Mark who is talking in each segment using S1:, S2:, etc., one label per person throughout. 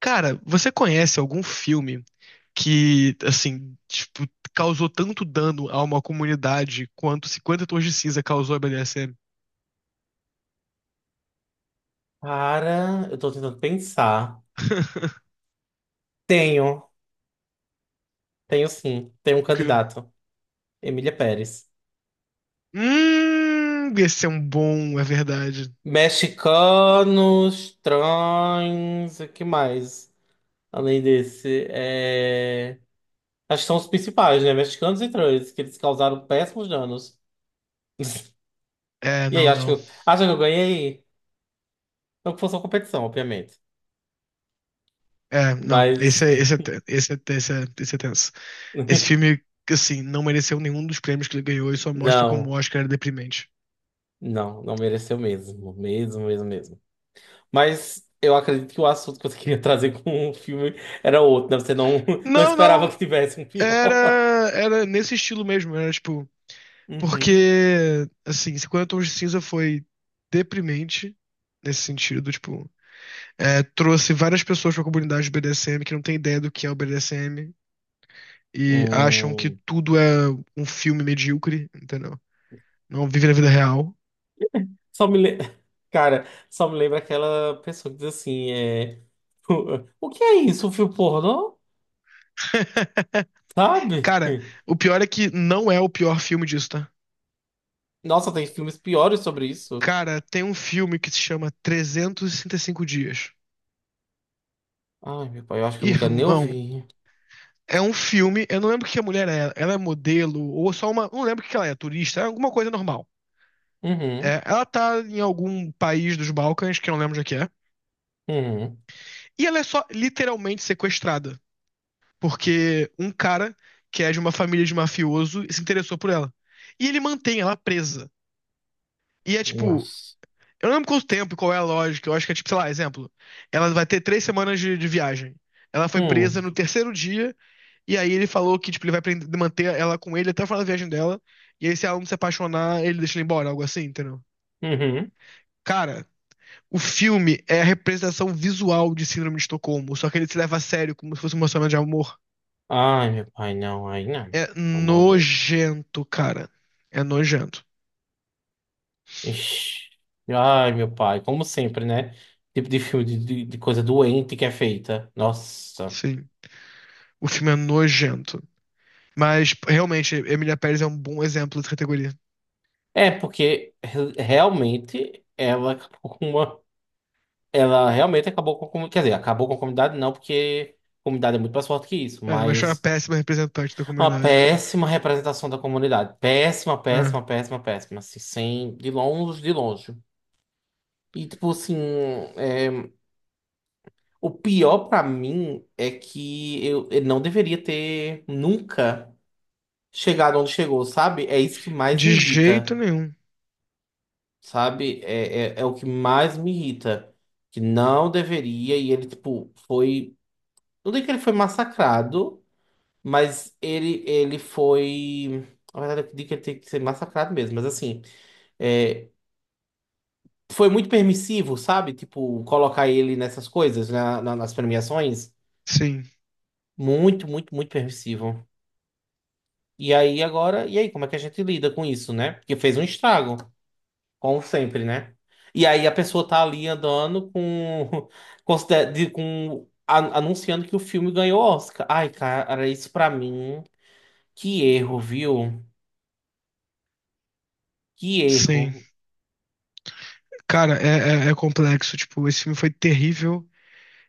S1: Cara, você conhece algum filme que, assim, tipo, causou tanto dano a uma comunidade quanto Cinquenta Tons de Cinza causou a BDSM?
S2: Cara, eu tô tentando pensar. Tenho, tenho sim. Tenho um
S1: O quê?
S2: candidato. Emília Pérez.
S1: Esse é um bom, é verdade.
S2: Mexicanos, trans, o que mais? Além desse, acho que são os principais, né? Mexicanos e trans, que eles causaram péssimos danos.
S1: É,
S2: E aí,
S1: não,
S2: acho que
S1: não.
S2: eu, acho que eu ganhei. Não que fosse uma competição, obviamente.
S1: É, não.
S2: Mas
S1: Esse é tenso. Esse filme, assim, não mereceu nenhum dos prêmios que ele ganhou e só mostra como o
S2: não,
S1: Oscar era deprimente.
S2: não, não mereceu mesmo. Mesmo, mesmo, mesmo. Mas eu acredito que o assunto que você queria trazer com o filme era outro, né? Você não, não
S1: Não,
S2: esperava
S1: não.
S2: que tivesse um
S1: Era,
S2: pior.
S1: era nesse estilo mesmo. Era, tipo.
S2: Uhum.
S1: Porque, assim, 50 Tons de Cinza foi deprimente nesse sentido, tipo, trouxe várias pessoas pra comunidade do BDSM que não tem ideia do que é o BDSM e acham que
S2: Hum.
S1: tudo é um filme medíocre, entendeu? Não vive na vida real.
S2: Só me le... Cara, só me lembra aquela pessoa que diz assim, o que é isso, um filme pornô? Sabe?
S1: Cara, o pior é que não é o pior filme disso, tá?
S2: Nossa, tem filmes piores sobre isso.
S1: Cara, tem um filme que se chama 365 Dias.
S2: Ai, meu pai, eu acho que eu não quero nem
S1: Irmão,
S2: ouvir.
S1: é um filme, eu não lembro o que a mulher é. Ela é modelo ou só uma, não lembro o que ela é, turista, é alguma coisa normal.
S2: Uhum,
S1: É, ela tá em algum país dos Balcãs, que eu não lembro onde é que é.
S2: uhum.
S1: E ela é só literalmente sequestrada. Porque um cara, que é de uma família de mafioso, se interessou por ela. E ele mantém ela presa. E é tipo.
S2: Nossa.
S1: Eu não lembro quanto tempo, qual é a lógica. Eu acho que é tipo, sei lá, exemplo. Ela vai ter 3 semanas de viagem. Ela foi presa
S2: Hum,
S1: no terceiro dia. E aí ele falou que, tipo, ele vai manter ela com ele até o final da viagem dela. E aí, se ela não se apaixonar, ele deixa ela embora, algo assim, entendeu?
S2: uhum.
S1: Cara, o filme é a representação visual de Síndrome de Estocolmo, só que ele se leva a sério como se fosse um relacionamento de amor.
S2: Ai, meu pai, não, aí não.
S1: É
S2: Pelo Amor de Deus.
S1: nojento, cara. É nojento.
S2: Ixi. Ai, meu pai, como sempre, né? Tipo de filme de coisa doente que é feita. Nossa.
S1: Sim. O filme é nojento. Mas, realmente, Emília Pérez é um bom exemplo dessa categoria.
S2: É, porque realmente ela acabou com uma. Ela realmente acabou com a comunidade. Quer dizer, acabou com a comunidade, não, porque a comunidade é muito mais forte que isso,
S1: É, mas foi uma
S2: mas
S1: péssima representante da
S2: uma
S1: comunidade.
S2: péssima representação da comunidade. Péssima,
S1: É.
S2: péssima, péssima, péssima. Assim, sem. De longe, de longe. E, tipo, assim. é, O pior pra mim é que eu não deveria ter nunca. Chegar onde chegou, sabe? É isso que mais
S1: De
S2: me
S1: jeito
S2: irrita,
S1: nenhum.
S2: sabe? É o que mais me irrita. Que não deveria, e ele, tipo, foi. Não digo que ele foi massacrado, mas ele foi. Na verdade, eu digo que ele tem que ser massacrado mesmo, mas assim. é, Foi muito permissivo, sabe? Tipo, colocar ele nessas coisas, nas premiações.
S1: Sim.
S2: Muito, muito, muito permissivo. E aí agora, e aí, como é que a gente lida com isso, né? Porque fez um estrago. Como sempre, né? E aí a pessoa tá ali andando com, anunciando que o filme ganhou Oscar. Ai, cara, isso pra mim, que erro, viu? Que
S1: Sim.
S2: erro.
S1: Cara, é complexo. Tipo, esse filme foi terrível.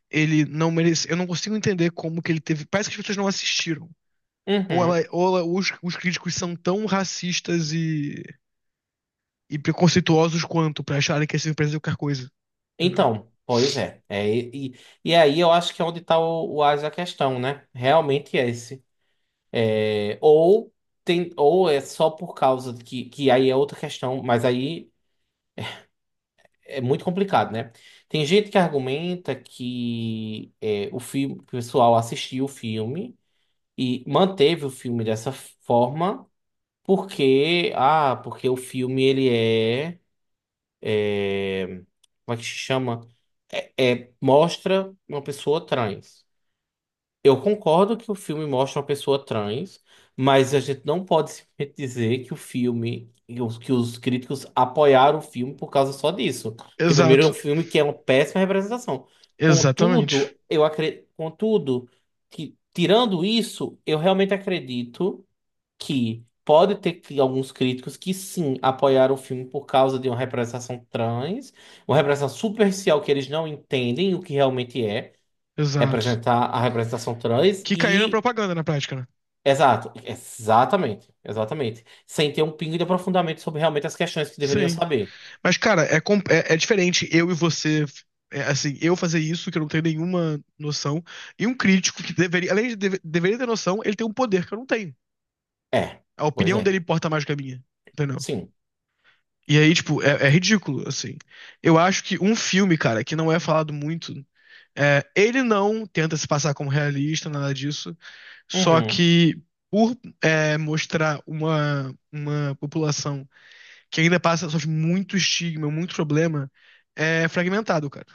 S1: Ele não merece. Eu não consigo entender como que ele teve. Parece que as pessoas não assistiram. Ou,
S2: Uhum.
S1: ela, ou ela- os críticos são tão racistas e preconceituosos quanto pra acharem que essa empresa é qualquer coisa, entendeu?
S2: Então, pois é. É, e aí eu acho que é onde tá o ás da questão, né? Realmente é esse. É, ou tem, ou é só por causa de que aí é outra questão, mas aí. É muito complicado, né? Tem gente que argumenta que o filme, o pessoal assistiu o filme e manteve o filme dessa forma porque o filme ele como é que se chama? É. Mostra uma pessoa trans. Eu concordo que o filme mostra uma pessoa trans, mas a gente não pode simplesmente dizer que os críticos apoiaram o filme por causa só disso. Porque primeiro é um
S1: Exato,
S2: filme que é uma péssima representação.
S1: exatamente,
S2: Contudo, eu acredito, contudo, que tirando isso, eu realmente acredito que pode ter alguns críticos que sim apoiaram o filme por causa de uma representação trans, uma representação superficial que eles não entendem o que realmente é
S1: exato.
S2: representar a representação trans
S1: Que caíram na
S2: e.
S1: propaganda na prática, né?
S2: Exato, exatamente, exatamente. Sem ter um pingo de aprofundamento sobre realmente as questões que deveriam
S1: Sim.
S2: saber.
S1: Mas, cara, é diferente eu e você, assim, eu fazer isso, que eu não tenho nenhuma noção, e um crítico que deveria, além de deveria ter noção, ele tem um poder que eu não tenho.
S2: É,
S1: A
S2: pois
S1: opinião
S2: é,
S1: dele importa mais do que a minha, entendeu?
S2: sim.
S1: E aí, tipo, é ridículo, assim. Eu acho que um filme, cara, que não é falado muito. É, ele não tenta se passar como realista, nada disso, só
S2: Uhum.
S1: que por mostrar uma população que ainda passa sofre muito estigma, muito problema, é fragmentado, cara.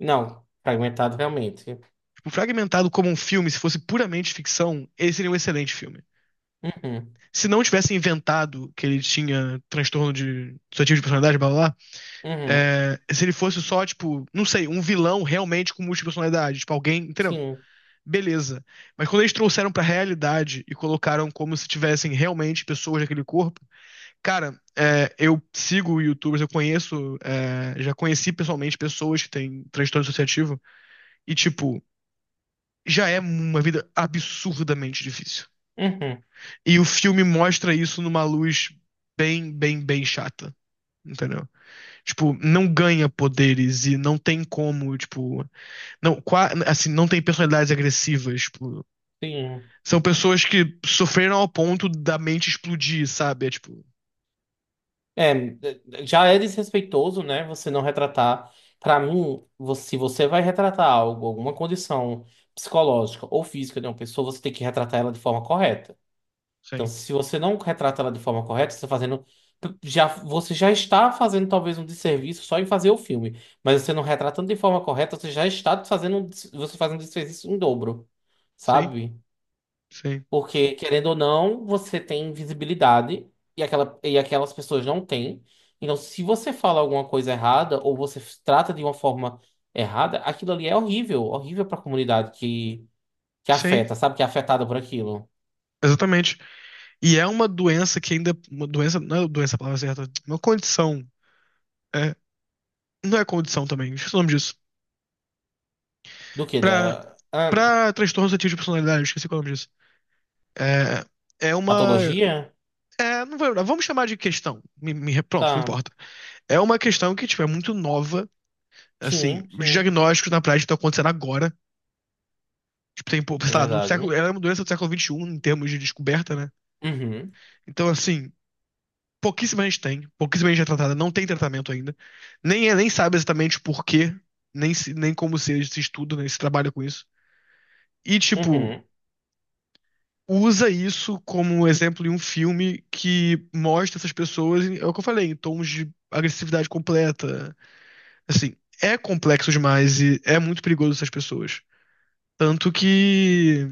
S2: Não, fragmentado realmente.
S1: Tipo, fragmentado como um filme, se fosse puramente ficção, ele seria um excelente filme.
S2: Uhum.
S1: Se não tivesse inventado que ele tinha transtorno de dissociativo de personalidade, blá blá, blá.
S2: Uhum.
S1: É, se ele fosse só, tipo, não sei, um vilão realmente com múltipla personalidade, tipo, alguém, entendeu?
S2: Sim.
S1: Beleza. Mas quando eles trouxeram pra realidade e colocaram como se tivessem realmente pessoas naquele corpo, cara, eu sigo YouTubers, eu conheço, já conheci pessoalmente pessoas que têm transtorno dissociativo e, tipo, já é uma vida absurdamente difícil.
S2: Uhum.
S1: E o filme mostra isso numa luz bem, bem, bem chata. Entendeu? Tipo, não ganha poderes e não tem como, tipo, não, assim, não tem personalidades agressivas, tipo.
S2: Sim.
S1: São pessoas que sofreram ao ponto da mente explodir, sabe? É tipo,
S2: É, já é desrespeitoso, né? Você não retratar. Pra mim, se você vai retratar algo, alguma condição psicológica ou física de uma pessoa, você tem que retratar ela de forma correta. Então,
S1: sim,
S2: se você não retrata ela de forma correta, você está fazendo. Já, você já está fazendo talvez um desserviço só em fazer o filme. Mas você não retratando de forma correta, você já está fazendo, você faz um desserviço em dobro,
S1: sim,
S2: sabe?
S1: sim,
S2: Porque, querendo ou não, você tem visibilidade e, aquelas pessoas não têm. Então, se você fala alguma coisa errada ou você trata de uma forma errada, aquilo ali é horrível, horrível para a comunidade que
S1: sim.
S2: afeta, sabe? Que é afetada por aquilo.
S1: Exatamente. E é uma doença que ainda. Uma doença. Não é doença a palavra certa. Uma condição. É, não é condição também. Esqueci o nome disso.
S2: Do que?
S1: Pra,
S2: Da
S1: pra transtorno suscetível de personalidade, esqueci qual é o nome disso. É, é uma.
S2: patologia?
S1: É, não vou vamos chamar de questão. Pronto, não
S2: Tá.
S1: importa. É uma questão que, tipo, é muito nova. Assim,
S2: Sim,
S1: os
S2: sim.
S1: diagnósticos na prática estão acontecendo agora. Tipo, tem,
S2: É
S1: sei lá, no século,
S2: verdade.
S1: ela é uma doença do século XXI em termos de descoberta, né?
S2: Uhum,
S1: Então, assim, pouquíssima gente tem, pouquíssima gente é tratada, não tem tratamento ainda. Nem, nem sabe exatamente o porquê, nem, nem como se estuda, nem se trabalha com isso. E, tipo,
S2: uhum,
S1: usa isso como um exemplo em um filme que mostra essas pessoas, é o que eu falei, em tons de agressividade completa. Assim, é complexo demais e é muito perigoso essas pessoas. Tanto que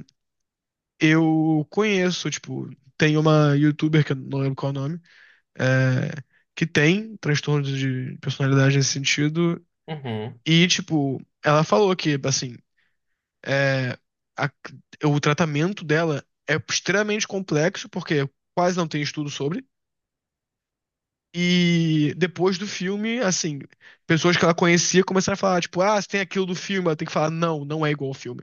S1: eu conheço, tipo, tem uma youtuber, que eu não lembro qual é o nome, é, que tem transtorno de personalidade nesse sentido,
S2: uhum.
S1: e, tipo, ela falou que, assim, é, a- o tratamento dela é extremamente complexo, porque quase não tem estudo sobre, e depois do filme, assim, pessoas que ela conhecia começaram a falar, tipo, ah, você tem aquilo do filme, ela tem que falar, não, não é igual ao filme,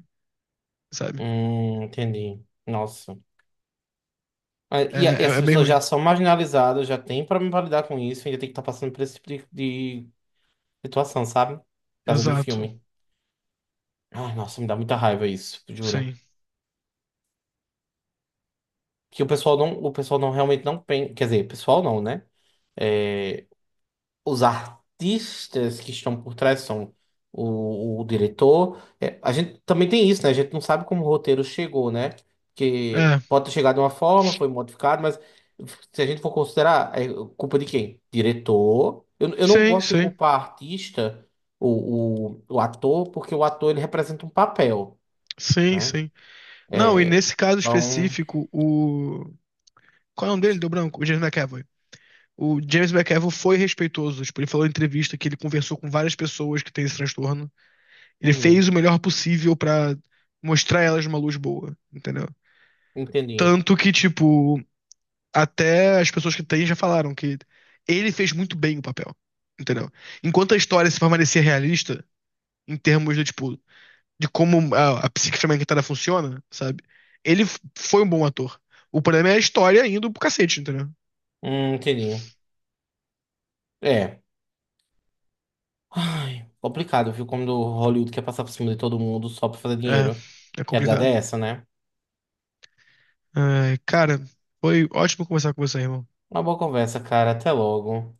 S1: sabe?
S2: Entendi. Nossa. Ah,
S1: É,
S2: e
S1: é,
S2: essas
S1: é bem
S2: pessoas
S1: ruim.
S2: já são marginalizadas, já tem problema pra lidar com isso, ainda tem que estar passando por esse tipo de situação, sabe? Por causa do
S1: Exato,
S2: filme. Ai, nossa, me dá muita raiva isso, juro.
S1: sim.
S2: Que o pessoal não realmente não pensa. Quer dizer, o pessoal não, né? É, os artistas que estão por trás são o, diretor. É, a gente também tem isso, né? A gente não sabe como o roteiro chegou, né? Que
S1: É,
S2: pode ter chegado de uma forma, foi modificado, mas se a gente for considerar, é culpa de quem? Diretor. Eu não
S1: sim,
S2: gosto de
S1: sim.
S2: culpar artista, o ator, porque o ator ele representa um papel,
S1: Sim,
S2: né?
S1: sim. Não, e
S2: É,
S1: nesse caso
S2: então,
S1: específico, o. Qual é o nome dele? Deu branco? O James McAvoy. O James McAvoy foi respeitoso. Tipo, ele falou em entrevista que ele conversou com várias pessoas que têm esse transtorno. Ele fez
S2: uhum,
S1: o melhor possível pra mostrar elas uma luz boa, entendeu?
S2: entendi.
S1: Tanto que, tipo, até as pessoas que têm já falaram que ele fez muito bem o papel, entendeu? Enquanto a história se permanecer realista, em termos de, tipo, de como a psique fragmentada funciona, sabe? Ele foi um bom ator. O problema é a história indo pro cacete, entendeu?
S2: Entendi. É. Ai, complicado, viu? Como do Hollywood quer passar por cima de todo mundo só pra fazer
S1: É,
S2: dinheiro.
S1: é
S2: Que a verdade
S1: complicado.
S2: é essa, né?
S1: Ai, cara, foi ótimo conversar com você, irmão.
S2: Uma boa conversa, cara. Até logo.